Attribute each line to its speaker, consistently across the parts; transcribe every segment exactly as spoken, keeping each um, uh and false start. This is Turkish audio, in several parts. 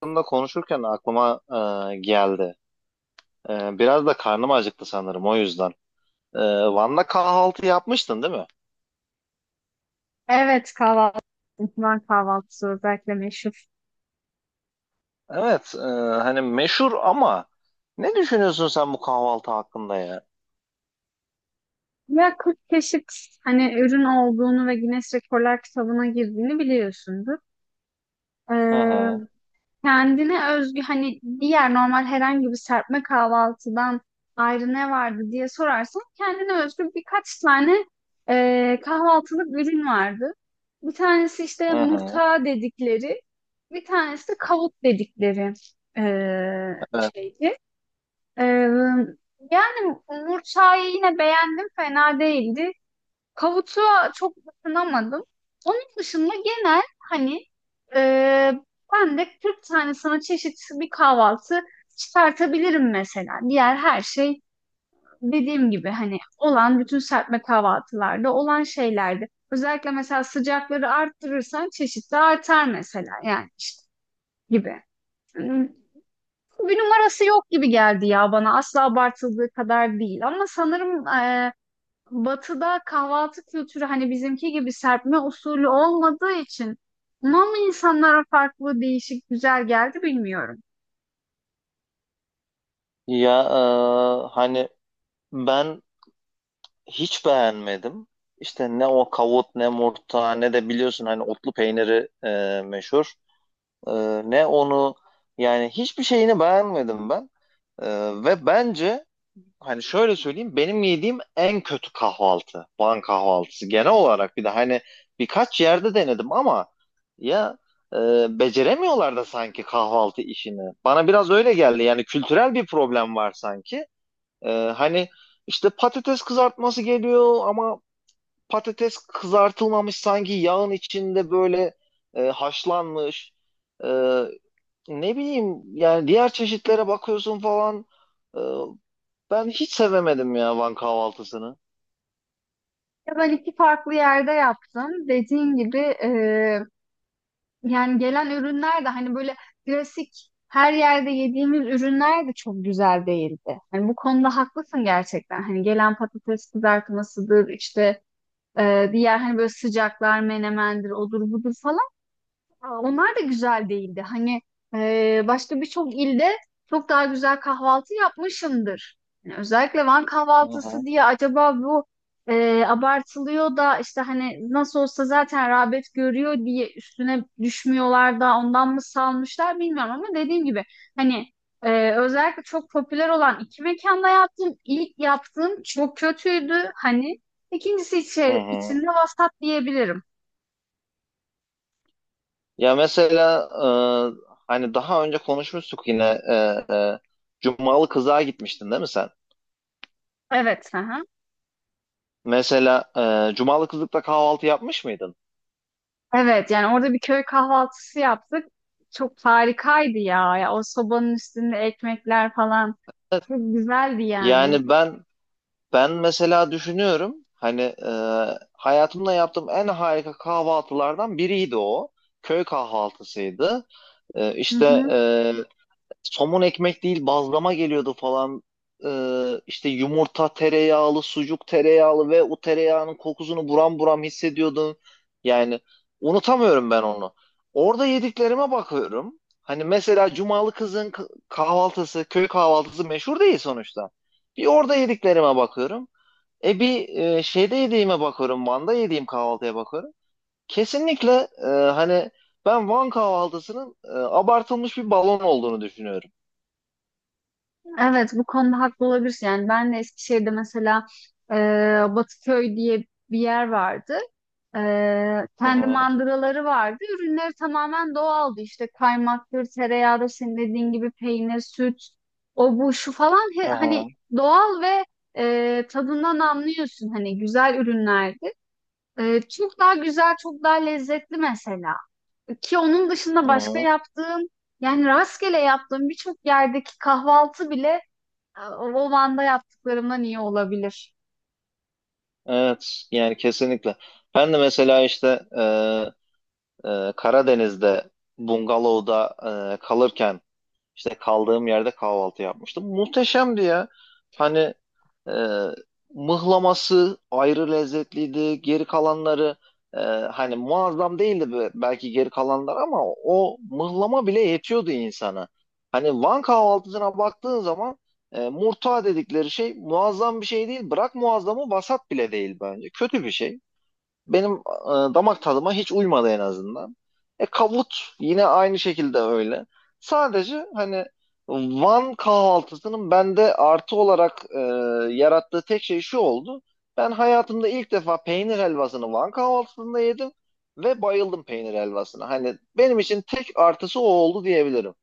Speaker 1: Hakkında konuşurken aklıma e, geldi. E, biraz da karnım acıktı sanırım o yüzden. E, Van'da kahvaltı yapmıştın değil mi?
Speaker 2: Evet, kahvaltı, İhmal kahvaltısı özellikle meşhur.
Speaker 1: Evet, e, hani meşhur ama ne düşünüyorsun sen bu kahvaltı hakkında ya?
Speaker 2: Ya kırk çeşit hani ürün olduğunu ve Guinness Rekorlar kitabına girdiğini biliyorsundur.
Speaker 1: Hı
Speaker 2: Ee,
Speaker 1: hı,
Speaker 2: Kendine özgü hani diğer normal herhangi bir serpme kahvaltıdan ayrı ne vardı diye sorarsan kendine özgü birkaç tane e, kahvaltılık ürün vardı. Bir tanesi işte
Speaker 1: hı hı,
Speaker 2: murta dedikleri, bir tanesi de kavut dedikleri e, bir
Speaker 1: evet.
Speaker 2: şeydi. Ee, Yani Murçay'ı yine beğendim, fena değildi. Kavutu'a çok ısınamadım. Onun dışında genel hani e, ben de kırk tane sana çeşit bir kahvaltı çıkartabilirim mesela. Diğer her şey dediğim gibi hani olan bütün serpme kahvaltılarda olan şeylerdi. Özellikle mesela sıcakları arttırırsan çeşit de artar mesela yani işte gibi bir numarası yok gibi geldi ya bana. Asla abartıldığı kadar değil. Ama sanırım e, Batı'da kahvaltı kültürü hani bizimki gibi serpme usulü olmadığı için buna mı insanlara farklı, değişik, güzel geldi bilmiyorum.
Speaker 1: Ya e, hani ben hiç beğenmedim. İşte ne o kavut ne murta ne de biliyorsun hani otlu peyniri e, meşhur. E, Ne onu yani hiçbir şeyini beğenmedim ben. E, Ve bence hani şöyle söyleyeyim, benim yediğim en kötü kahvaltı Van kahvaltısı genel olarak. Bir de hani birkaç yerde denedim ama ya e, beceremiyorlar da sanki kahvaltı işini. Bana biraz öyle geldi, yani kültürel bir problem var sanki. E, hani işte patates kızartması geliyor ama patates kızartılmamış sanki, yağın içinde böyle e, haşlanmış. E, Ne bileyim yani, diğer çeşitlere bakıyorsun falan. Ee, Ben hiç sevemedim ya Van kahvaltısını.
Speaker 2: Ya ben iki farklı yerde yaptım. Dediğin gibi e, yani gelen ürünler de hani böyle klasik her yerde yediğimiz ürünler de çok güzel değildi. Hani bu konuda haklısın gerçekten. Hani gelen patates kızartmasıdır işte. Ee, diğer hani böyle sıcaklar menemendir odur budur falan. Aa, onlar da güzel değildi. Hani e, başka birçok ilde çok daha güzel kahvaltı yapmışımdır. Yani özellikle Van
Speaker 1: Hı hı.
Speaker 2: kahvaltısı diye acaba bu e, abartılıyor da işte hani nasıl olsa zaten rağbet görüyor diye üstüne düşmüyorlar da ondan mı salmışlar bilmiyorum ama dediğim gibi hani e, özellikle çok popüler olan iki mekanda yaptım. İlk yaptığım çok kötüydü hani. İkincisi
Speaker 1: Hı
Speaker 2: içi,
Speaker 1: hı.
Speaker 2: içinde vasat diyebilirim.
Speaker 1: Ya mesela e, hani daha önce konuşmuştuk yine, e, e, Cumalı kızlığa gitmiştin değil mi sen?
Speaker 2: Evet. Hı hı.
Speaker 1: Mesela e, Cumalı kızlıkta kahvaltı yapmış mıydın?
Speaker 2: Evet, yani orada bir köy kahvaltısı yaptık. Çok harikaydı ya. Ya o sobanın üstünde ekmekler falan çok güzeldi yani.
Speaker 1: Yani ben ben mesela düşünüyorum, hani e, hayatımda yaptığım en harika kahvaltılardan biriydi o. Köy kahvaltısıydı. E,
Speaker 2: Hı
Speaker 1: işte
Speaker 2: hı.
Speaker 1: e, Somun ekmek değil, bazlama geliyordu falan. Ee, işte yumurta tereyağlı, sucuk tereyağlı ve o tereyağının kokusunu buram buram hissediyordun. Yani unutamıyorum ben onu. Orada yediklerime bakıyorum. Hani mesela Cumalı kızın k- kahvaltısı, köy kahvaltısı meşhur değil sonuçta. Bir orada yediklerime bakıyorum. E bir e, şeyde yediğime bakıyorum. Van'da yediğim kahvaltıya bakıyorum. Kesinlikle e, hani ben Van kahvaltısının e, abartılmış bir balon olduğunu düşünüyorum.
Speaker 2: Evet, bu konuda haklı olabilirsin. Yani ben de Eskişehir'de mesela e, Batıköy diye bir yer vardı. E,
Speaker 1: Hı
Speaker 2: kendi
Speaker 1: hı,
Speaker 2: mandıraları vardı. Ürünleri tamamen doğaldı. İşte kaymaktır, tereyağıdır, senin dediğin gibi peynir, süt, o bu şu falan. He-
Speaker 1: hı
Speaker 2: hani
Speaker 1: hı,
Speaker 2: doğal ve e, tadından anlıyorsun. Hani güzel ürünlerdi. Ee, çok daha güzel, çok daha lezzetli mesela. Ki onun dışında
Speaker 1: hı
Speaker 2: başka
Speaker 1: hı.
Speaker 2: yaptığım, yani rastgele yaptığım birçok yerdeki kahvaltı bile e, o o Van'da yaptıklarımdan iyi olabilir.
Speaker 1: Evet yani kesinlikle. Ben de mesela işte e, e, Karadeniz'de bungalovda e, kalırken işte kaldığım yerde kahvaltı yapmıştım. Muhteşemdi ya. Hani E, mıhlaması ayrı lezzetliydi. Geri kalanları e, hani muazzam değildi, be- belki geri kalanlar, ama o mıhlama bile yetiyordu insana. Hani Van kahvaltısına baktığın zaman e, murta dedikleri şey muazzam bir şey değil. Bırak muazzamı, vasat bile değil bence. Kötü bir şey, benim e, damak tadıma hiç uymadı en azından. E kavut yine aynı şekilde öyle. Sadece hani Van kahvaltısının bende artı olarak e, yarattığı tek şey şu oldu: ben hayatımda ilk defa peynir helvasını Van kahvaltısında yedim ve bayıldım peynir helvasına. Hani benim için tek artısı o oldu diyebilirim.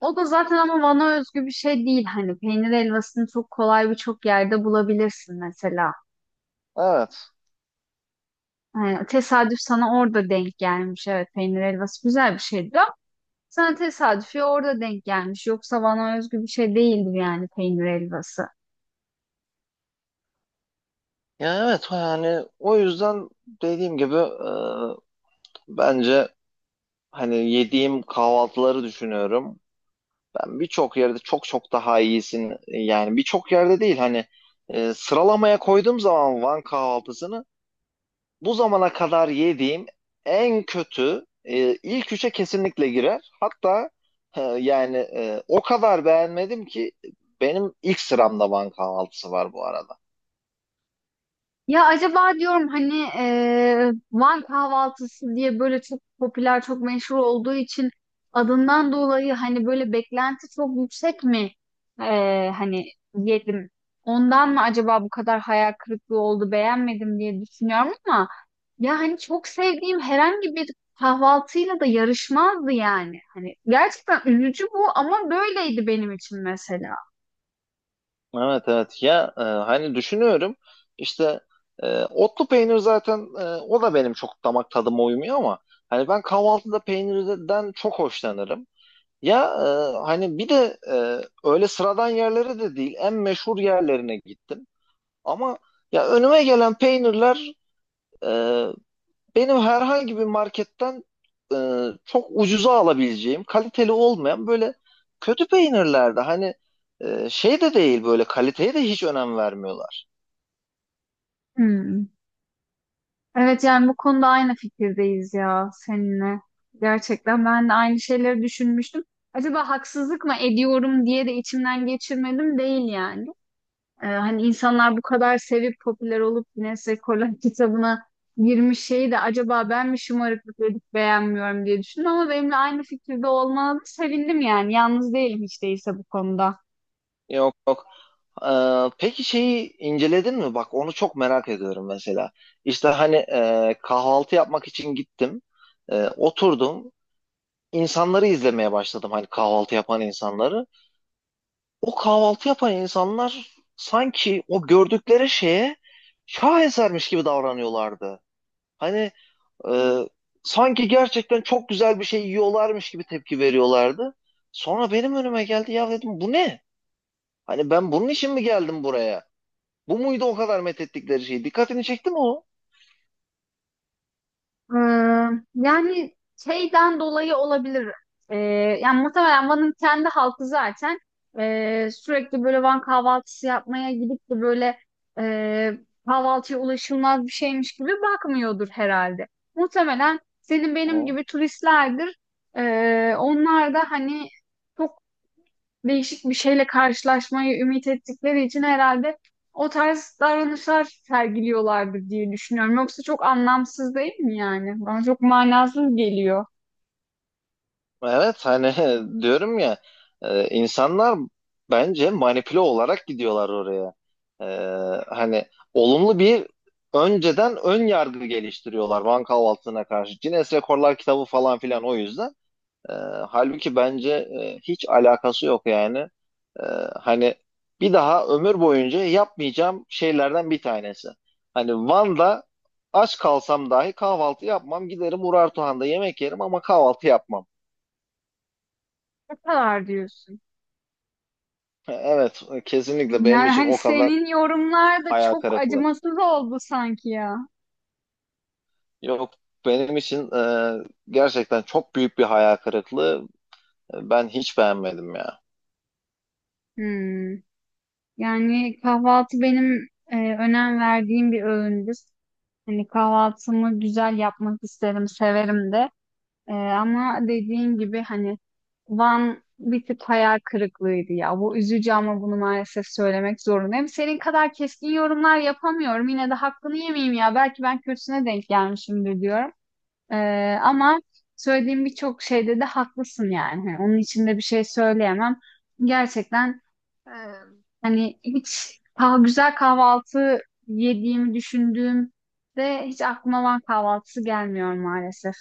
Speaker 2: O da zaten ama Van'a özgü bir şey değil. Hani peynir helvasını çok kolay birçok yerde bulabilirsin mesela.
Speaker 1: Evet.
Speaker 2: Ee, tesadüf sana orada denk gelmiş. Evet, peynir helvası güzel bir şeydir. Sen tesadüfi orada denk gelmiş. Yoksa bana özgü bir şey değildir yani peynir helvası.
Speaker 1: Ya evet, yani o yüzden dediğim gibi, e, bence hani yediğim kahvaltıları düşünüyorum. Ben birçok yerde çok çok daha iyisin. e, Yani birçok yerde değil hani, e, sıralamaya koyduğum zaman Van kahvaltısını bu zamana kadar yediğim en kötü e, ilk üçe kesinlikle girer. Hatta e, yani e, o kadar beğenmedim ki benim ilk sıramda Van kahvaltısı var bu arada.
Speaker 2: Ya acaba diyorum hani eee, Van kahvaltısı diye böyle çok popüler, çok meşhur olduğu için adından dolayı hani böyle beklenti çok yüksek mi? Eee, hani yedim. Ondan mı acaba bu kadar hayal kırıklığı oldu, beğenmedim diye düşünüyorum ama ya hani çok sevdiğim herhangi bir kahvaltıyla da yarışmazdı yani. Hani gerçekten üzücü bu ama böyleydi benim için mesela.
Speaker 1: Evet evet ya, e, hani düşünüyorum işte, e, otlu peynir zaten, e, o da benim çok damak tadıma uymuyor ama hani ben kahvaltıda peynirden çok hoşlanırım. Ya e, hani bir de, e, öyle sıradan yerlere de değil, en meşhur yerlerine gittim. Ama ya önüme gelen peynirler, e, benim herhangi bir marketten e, çok ucuza alabileceğim, kaliteli olmayan böyle kötü peynirlerdi. Hani e, şey de değil, böyle kaliteye de hiç önem vermiyorlar.
Speaker 2: Hmm. Evet, yani bu konuda aynı fikirdeyiz ya seninle. Gerçekten ben de aynı şeyleri düşünmüştüm. Acaba haksızlık mı ediyorum diye de içimden geçirmedim değil yani. Ee, hani insanlar bu kadar sevip popüler olup Guinness Rekorlar kitabına girmiş şeyi de acaba ben mi şımarıklık edip beğenmiyorum diye düşündüm ama benimle aynı fikirde olmanıza sevindim yani. Yalnız değilim hiç değilse bu konuda.
Speaker 1: Yok yok. E, peki şeyi inceledin mi? Bak onu çok merak ediyorum mesela. İşte hani e, kahvaltı yapmak için gittim. E, oturdum. İnsanları izlemeye başladım, hani kahvaltı yapan insanları. O kahvaltı yapan insanlar sanki o gördükleri şeye şahesermiş gibi davranıyorlardı. Hani e, sanki gerçekten çok güzel bir şey yiyorlarmış gibi tepki veriyorlardı. Sonra benim önüme geldi, ya dedim bu ne? Hani ben bunun için mi geldim buraya? Bu muydu o kadar methettikleri şey? Dikkatini çekti mi o?
Speaker 2: Ee, Yani şeyden dolayı olabilir. Ee, Yani muhtemelen Van'ın kendi halkı zaten ee, sürekli böyle Van kahvaltısı yapmaya gidip de böyle ee, kahvaltıya ulaşılmaz bir şeymiş gibi bakmıyordur herhalde. Muhtemelen senin benim
Speaker 1: Hı.
Speaker 2: gibi turistlerdir. Ee, onlar da hani çok değişik bir şeyle karşılaşmayı ümit ettikleri için herhalde o tarz davranışlar sergiliyorlardır diye düşünüyorum. Yoksa çok anlamsız değil mi yani? Bana çok manasız geliyor.
Speaker 1: Evet hani diyorum ya, e, insanlar bence manipüle olarak gidiyorlar oraya. E, Hani olumlu bir, önceden ön yargı geliştiriyorlar Van kahvaltısına karşı. Guinness Rekorlar kitabı falan filan o yüzden. E, Halbuki bence e, hiç alakası yok yani. E, Hani bir daha ömür boyunca yapmayacağım şeylerden bir tanesi. Hani Van'da aç kalsam dahi kahvaltı yapmam. Giderim Urartuhan'da yemek yerim ama kahvaltı yapmam.
Speaker 2: Ne kadar diyorsun?
Speaker 1: Evet, kesinlikle benim
Speaker 2: Yani
Speaker 1: için
Speaker 2: hani
Speaker 1: o kadar
Speaker 2: senin yorumlar da
Speaker 1: hayal
Speaker 2: çok
Speaker 1: kırıklığı.
Speaker 2: acımasız oldu sanki ya.
Speaker 1: Yok, benim için e, gerçekten çok büyük bir hayal kırıklığı. Ben hiç beğenmedim ya.
Speaker 2: Hmm. Yani kahvaltı benim e, önem verdiğim bir öğündür. Hani kahvaltımı güzel yapmak isterim, severim de. Ee, ama dediğin gibi hani Van bir tık hayal kırıklığıydı ya. Bu üzücü ama bunu maalesef söylemek zorundayım. Senin kadar keskin yorumlar yapamıyorum. Yine de hakkını yemeyeyim ya. Belki ben kötüsüne denk gelmişimdir diyorum. Ee, ama söylediğim birçok şeyde de haklısın yani. Hani onun için de bir şey söyleyemem. Gerçekten e, hani hiç kah güzel kahvaltı yediğimi düşündüğümde hiç aklıma Van kahvaltısı gelmiyor maalesef.